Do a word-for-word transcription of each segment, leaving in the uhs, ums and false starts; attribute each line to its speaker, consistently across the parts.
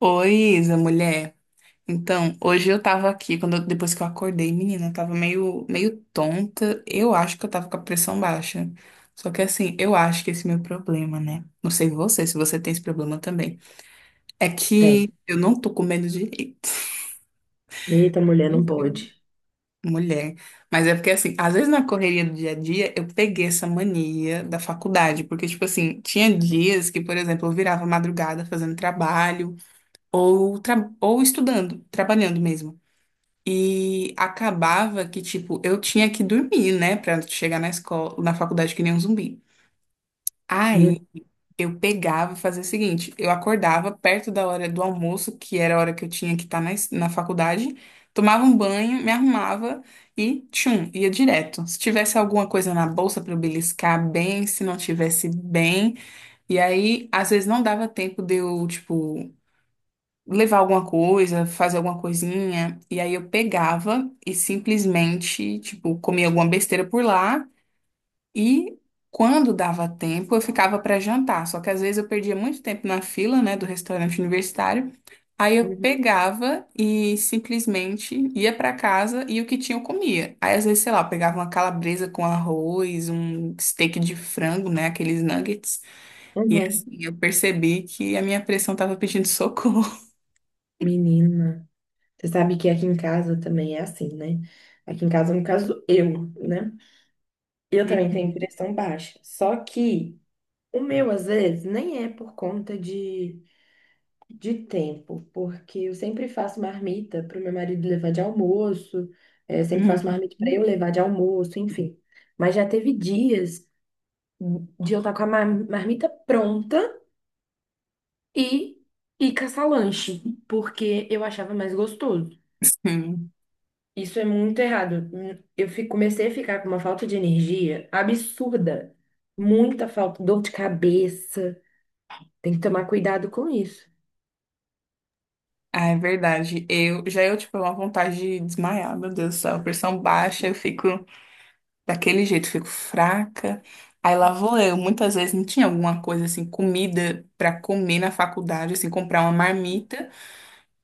Speaker 1: Oi, Isa, mulher. Então, hoje eu tava aqui, quando eu- depois que eu acordei, menina, eu tava meio, meio tonta. Eu acho que eu tava com a pressão baixa. Só que assim, eu acho que esse é meu problema, né? Não sei você, se você tem esse problema também. É
Speaker 2: Tem.
Speaker 1: que eu não tô comendo direito.
Speaker 2: Eita, mulher, não pode.
Speaker 1: Mulher. Mas é porque, assim, às vezes na correria do dia a dia, eu peguei essa mania da faculdade. Porque, tipo assim, tinha dias que, por exemplo, eu virava madrugada fazendo trabalho ou, tra- ou estudando, trabalhando mesmo. E acabava que, tipo, eu tinha que dormir, né, pra chegar na escola, na faculdade que nem um zumbi. Aí
Speaker 2: Uhum.
Speaker 1: eu pegava e fazia o seguinte: eu acordava perto da hora do almoço, que era a hora que eu tinha que estar na, es- na faculdade, tomava um banho, me arrumava e tchum, ia direto. Se tivesse alguma coisa na bolsa pra eu beliscar, bem, se não tivesse bem. E aí, às vezes não dava tempo de eu, tipo, levar alguma coisa, fazer alguma coisinha. E aí eu pegava e simplesmente, tipo, comia alguma besteira por lá. E quando dava tempo, eu ficava para jantar. Só que às vezes eu perdia muito tempo na fila, né, do restaurante universitário. Aí eu pegava e simplesmente ia para casa e o que tinha eu comia. Aí às vezes, sei lá, eu pegava uma calabresa com arroz, um steak de frango, né, aqueles nuggets. E
Speaker 2: Uhum.
Speaker 1: assim, eu percebi que a minha pressão tava pedindo socorro.
Speaker 2: Menina. Você sabe que aqui em casa também é assim, né? Aqui em casa, no caso, eu, né? Eu também tenho pressão baixa. Só que o meu, às vezes, nem é por conta de, de tempo, porque eu sempre faço marmita para o meu marido levar de almoço, eh, sempre faço
Speaker 1: Uhum.
Speaker 2: marmita para eu levar de almoço, enfim. Mas já teve dias de eu estar com a mar- marmita pronta. E, e caçar lanche porque eu achava mais gostoso.
Speaker 1: Sim.
Speaker 2: Isso é muito errado. Hum, Eu fi- comecei a ficar com uma falta de energia absurda. Muita falta, dor de cabeça. Tem que tomar cuidado com isso.
Speaker 1: Ah, é verdade. Eu já eu tive uma vontade de desmaiar, meu Deus do céu. Pressão baixa, eu fico daquele jeito, fico fraca. Aí lá vou eu. Muitas vezes não tinha alguma coisa assim, comida pra comer na faculdade, assim, comprar uma marmita.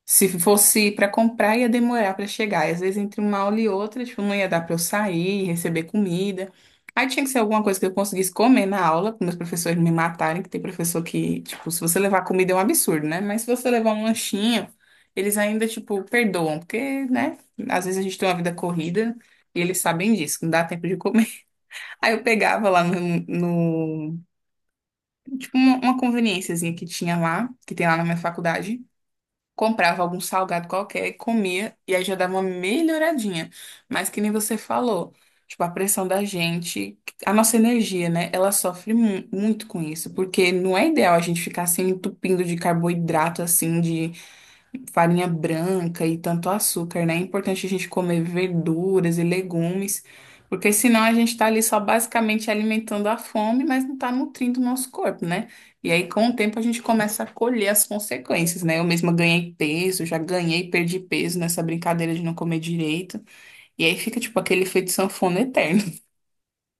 Speaker 1: Se fosse para comprar, ia demorar para chegar. E às vezes, entre uma aula e outra, tipo, não ia dar para eu sair, receber comida. Aí tinha que ser alguma coisa que eu conseguisse comer na aula, para meus professores não me matarem, que tem professor que, tipo, se você levar comida é um absurdo, né? Mas se você levar um lanchinho, eles ainda, tipo, perdoam, porque, né? Às vezes a gente tem uma vida corrida e eles sabem disso, que não dá tempo de comer. Aí eu pegava lá no, no- tipo, uma, uma conveniênciazinha que tinha lá, que tem lá na minha faculdade, comprava algum salgado qualquer e comia, e aí já dava uma melhoradinha. Mas que nem você falou, tipo, a pressão da gente, a nossa energia, né? Ela sofre mu- muito com isso, porque não é ideal a gente ficar se entupindo de carboidrato, assim, farinha branca e tanto açúcar, né? É importante a gente comer verduras e legumes, porque senão a gente tá ali só basicamente alimentando a fome, mas não tá nutrindo o nosso corpo, né? E aí, com o tempo, a gente começa a colher as consequências, né? Eu mesma ganhei peso, já ganhei e perdi peso nessa brincadeira de não comer direito. E aí fica, tipo, aquele efeito sanfona eterno.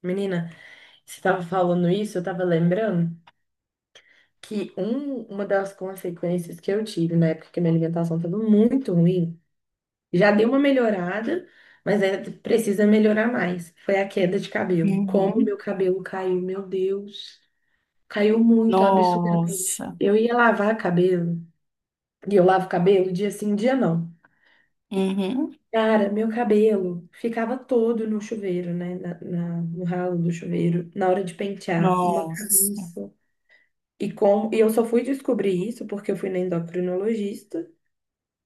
Speaker 2: Menina, você estava falando isso, eu estava lembrando que um, uma das consequências que eu tive na época que minha alimentação estava muito ruim, já deu uma melhorada, mas ainda precisa melhorar mais. Foi a queda de cabelo. Como meu
Speaker 1: Uhum.
Speaker 2: cabelo caiu, meu Deus. Caiu muito, absurdamente.
Speaker 1: Nossa.
Speaker 2: Eu ia lavar cabelo, e eu lavo cabelo dia sim, dia não.
Speaker 1: Uhum.
Speaker 2: Cara, meu cabelo ficava todo no chuveiro, né? na- na- no ralo do chuveiro, na hora de pentear, uma
Speaker 1: Nossa.
Speaker 2: bagunça. E, com, e eu só fui descobrir isso porque eu fui na endocrinologista.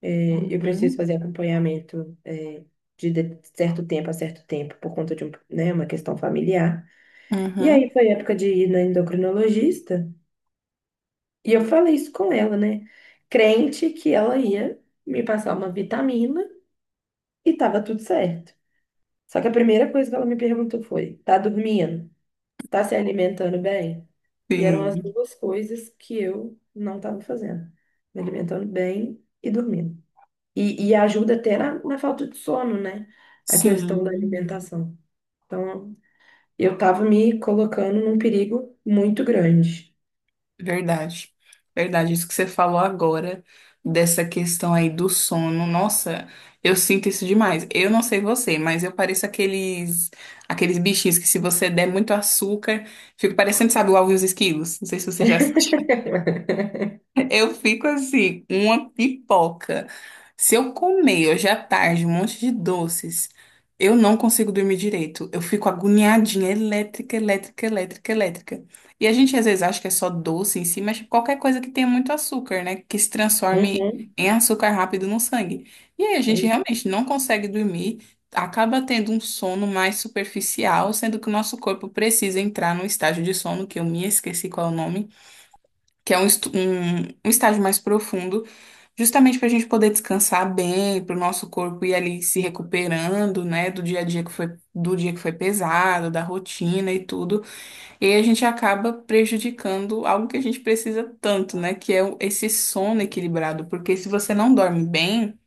Speaker 2: É, eu preciso
Speaker 1: Uhum.
Speaker 2: fazer acompanhamento, é, de, de certo tempo a certo tempo por conta de um, né, uma questão familiar. E
Speaker 1: Uhum.
Speaker 2: aí foi época de ir na endocrinologista. E eu falei isso com ela, né? Crente que ela ia me passar uma vitamina e tava tudo certo. Só que a primeira coisa que ela me perguntou foi: tá dormindo? Tá se alimentando bem? E eram as
Speaker 1: Sim.
Speaker 2: duas coisas que eu não estava fazendo: me alimentando bem e dormindo. E, e ajuda até na, na falta de sono, né? A questão da
Speaker 1: Sim.
Speaker 2: alimentação. Então, eu tava me colocando num perigo muito grande.
Speaker 1: Verdade, verdade. Isso que você falou agora, dessa questão aí do sono, nossa, eu sinto isso demais. Eu não sei você, mas eu pareço aqueles, aqueles bichinhos que se você der muito açúcar, fica parecendo, sabe, o Alvin e os Esquilos. Não sei se você já assistiu. Eu fico assim, uma pipoca. Se eu comer hoje à tarde um monte de doces, eu não consigo dormir direito. Eu fico agoniadinha, elétrica, elétrica, elétrica, elétrica. E a gente às vezes acha que é só doce em si, mas qualquer coisa que tenha muito açúcar, né? Que se transforme
Speaker 2: Uhum.
Speaker 1: em açúcar rápido no sangue. E aí a gente realmente não consegue dormir, acaba tendo um sono mais superficial, sendo que o nosso corpo precisa entrar num estágio de sono, que eu me esqueci qual é o nome, que é um, estu- um, um estágio mais profundo, justamente para a gente poder descansar bem, para o nosso corpo ir ali se recuperando, né, do dia a dia que foi, do dia que foi pesado, da rotina e tudo. E aí a gente acaba prejudicando algo que a gente precisa tanto, né, que é o- esse sono equilibrado, porque se você não dorme bem,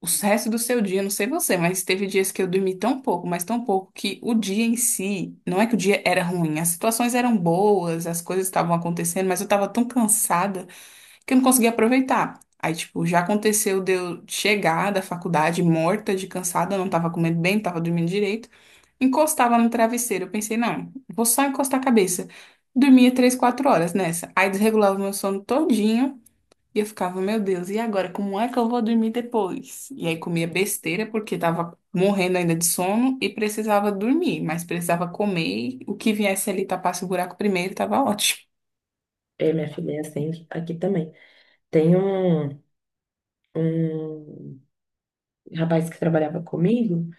Speaker 1: o resto do seu dia, não sei você, mas teve dias que eu dormi tão pouco, mas tão pouco, que o dia em si, não é que o dia era ruim, as situações eram boas, as coisas estavam acontecendo, mas eu estava tão cansada que eu não consegui aproveitar. Aí, tipo, já aconteceu de eu chegar da faculdade morta, de cansada, não tava comendo bem, não tava dormindo direito, encostava no travesseiro. Eu pensei, não, vou só encostar a cabeça. Dormia três, quatro horas nessa. Aí desregulava o meu sono todinho e eu ficava, meu Deus, e agora? Como é que eu vou dormir depois? E aí comia besteira porque tava morrendo ainda de sono e precisava dormir, mas precisava comer. e O que viesse ali tapasse o buraco primeiro, tava ótimo.
Speaker 2: É, minha filha é assim aqui também. Tem um, um rapaz que trabalhava comigo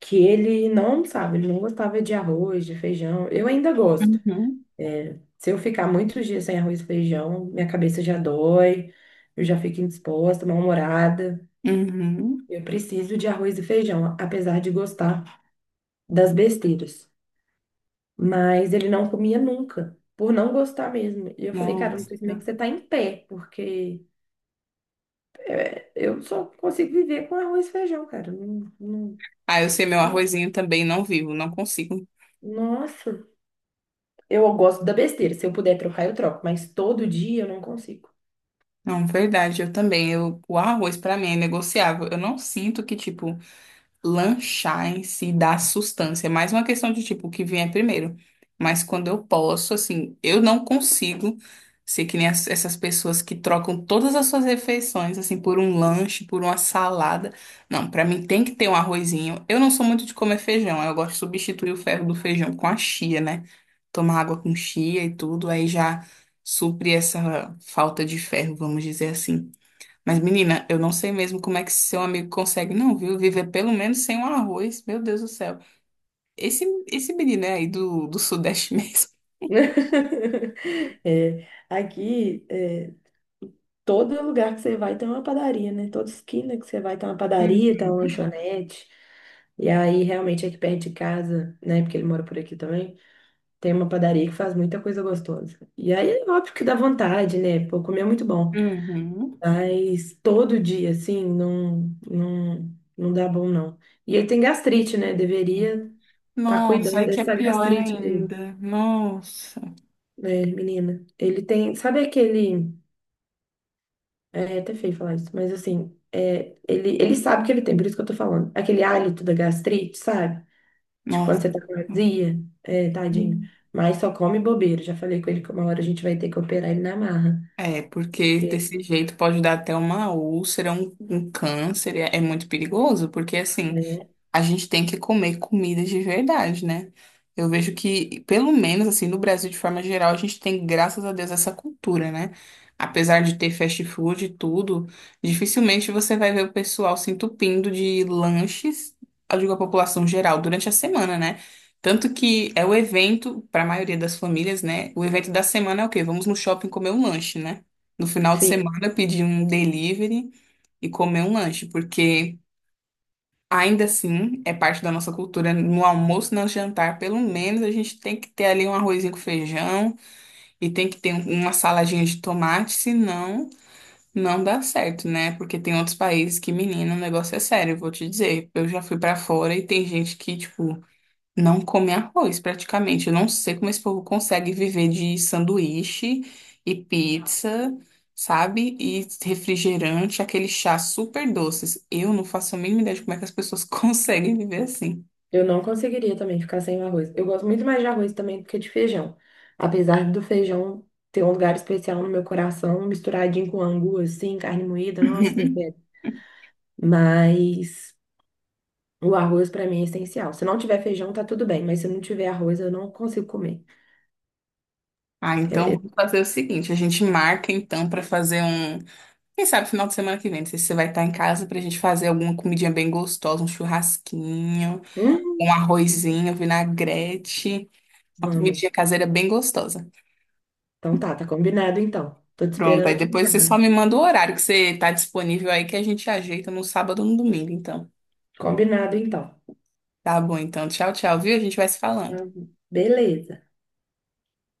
Speaker 2: que ele não sabe, ele não gostava de arroz, de feijão. Eu ainda gosto.
Speaker 1: Uhum.
Speaker 2: É, se eu ficar muitos dias sem arroz e feijão, minha cabeça já dói, eu já fico indisposta, mal-humorada.
Speaker 1: Uhum.
Speaker 2: Eu preciso de arroz e feijão, apesar de gostar das besteiras. Mas ele não comia nunca, por não gostar mesmo. E eu falei, cara, não sei como é que
Speaker 1: Nossa.
Speaker 2: você tá em pé, porque. Eu só consigo viver com arroz e feijão, cara. Não- não-
Speaker 1: Ah, eu sei, meu arrozinho também não vivo, não consigo.
Speaker 2: Nossa, eu gosto da besteira. Se eu puder trocar, eu troco, mas todo dia eu não consigo.
Speaker 1: Não, verdade, eu também. Eu, o arroz pra mim é negociável. Eu não sinto que, tipo, lanchar em si dá sustância. É mais uma questão de tipo, o que vier primeiro. Mas quando eu posso, assim, eu não consigo ser que nem as- essas pessoas que trocam todas as suas refeições, assim, por um lanche, por uma salada. Não, pra mim tem que ter um arrozinho. Eu não sou muito de comer feijão, eu gosto de substituir o ferro do feijão com a chia, né? Tomar água com chia e tudo, aí já supre essa falta de ferro, vamos dizer assim. Mas, menina, eu não sei mesmo como é que seu amigo consegue, não, viu? Viver pelo menos sem um arroz. Meu Deus do céu. Esse, esse menino é aí do, do Sudeste mesmo.
Speaker 2: É, aqui, é, todo lugar que você vai tem uma padaria, né? Toda esquina que você vai tem uma padaria, tem uma
Speaker 1: Uhum.
Speaker 2: lanchonete. E aí, realmente, aqui perto de casa, né? Porque ele mora por aqui também, tem uma padaria que faz muita coisa gostosa. E aí, é óbvio que dá vontade, né? Pô, comer é muito bom.
Speaker 1: Uhum.
Speaker 2: Mas todo dia, assim, não, não, não dá bom, não. E ele tem gastrite, né? Deveria estar
Speaker 1: Nossa,
Speaker 2: cuidando
Speaker 1: aí que é
Speaker 2: dessa
Speaker 1: pior
Speaker 2: gastrite dele,
Speaker 1: ainda. Nossa,
Speaker 2: né, menina. Ele tem, sabe aquele. É, é até feio falar isso, mas assim, é, ele, ele sabe que ele tem, por isso que eu tô falando. Aquele hálito da gastrite, sabe? De quando
Speaker 1: nossa.
Speaker 2: você tá com azia, é, tadinho. Mas só come bobeira. Já falei com ele que uma hora a gente vai ter que operar ele na marra.
Speaker 1: É, porque
Speaker 2: Porque,
Speaker 1: desse jeito pode dar até uma úlcera, um, um câncer, é, é muito perigoso, porque assim,
Speaker 2: né,
Speaker 1: a gente tem que comer comidas de verdade, né? Eu vejo que, pelo menos assim, no Brasil de forma geral, a gente tem, graças a Deus, essa cultura, né? Apesar de ter fast food e tudo, dificilmente você vai ver o pessoal se entupindo de lanches, eu digo a população geral, durante a semana, né? Tanto que é o evento, para a maioria das famílias, né? O evento da semana é o quê? Vamos no shopping comer um lanche, né? No final de
Speaker 2: sim.
Speaker 1: semana, pedir um delivery e comer um lanche, porque. Ainda assim, é parte da nossa cultura. No almoço, no jantar, pelo menos a gente tem que ter ali um arrozinho com feijão e tem que ter um- uma saladinha de tomate, senão não dá certo, né? Porque tem outros países que, menina, o negócio é sério, eu vou te dizer. Eu já fui pra fora e tem gente que, tipo, não come arroz, praticamente. Eu não sei como esse povo consegue viver de sanduíche e pizza, sabe? E refrigerante, aquele chá super doces. Eu não faço a mínima ideia de como é que as pessoas conseguem viver assim.
Speaker 2: Eu não conseguiria também ficar sem o arroz. Eu gosto muito mais de arroz também do que de feijão. Apesar do feijão ter um lugar especial no meu coração, misturadinho com angu, assim, carne moída, nossa, me pega. Mas o arroz pra mim é essencial. Se não tiver feijão, tá tudo bem, mas se não tiver arroz, eu não consigo comer.
Speaker 1: Ah,
Speaker 2: É-
Speaker 1: então
Speaker 2: é-
Speaker 1: vou fazer o seguinte, a gente marca então pra fazer um, quem sabe final de semana que vem, não sei se você vai estar em casa pra gente fazer alguma comidinha bem gostosa, um churrasquinho,
Speaker 2: Hum,
Speaker 1: um arrozinho, vinagrete, uma
Speaker 2: vamos.
Speaker 1: comidinha caseira bem gostosa.
Speaker 2: Então tá, tá combinado então. Tô te
Speaker 1: Pronto,
Speaker 2: esperando
Speaker 1: aí
Speaker 2: aqui em
Speaker 1: depois você só
Speaker 2: casa.
Speaker 1: me manda o horário que você tá disponível aí que a gente ajeita no sábado ou no domingo, então.
Speaker 2: Combinado então.
Speaker 1: Tá bom, então. Tchau, tchau, viu? A gente vai se falando.
Speaker 2: Tá, beleza.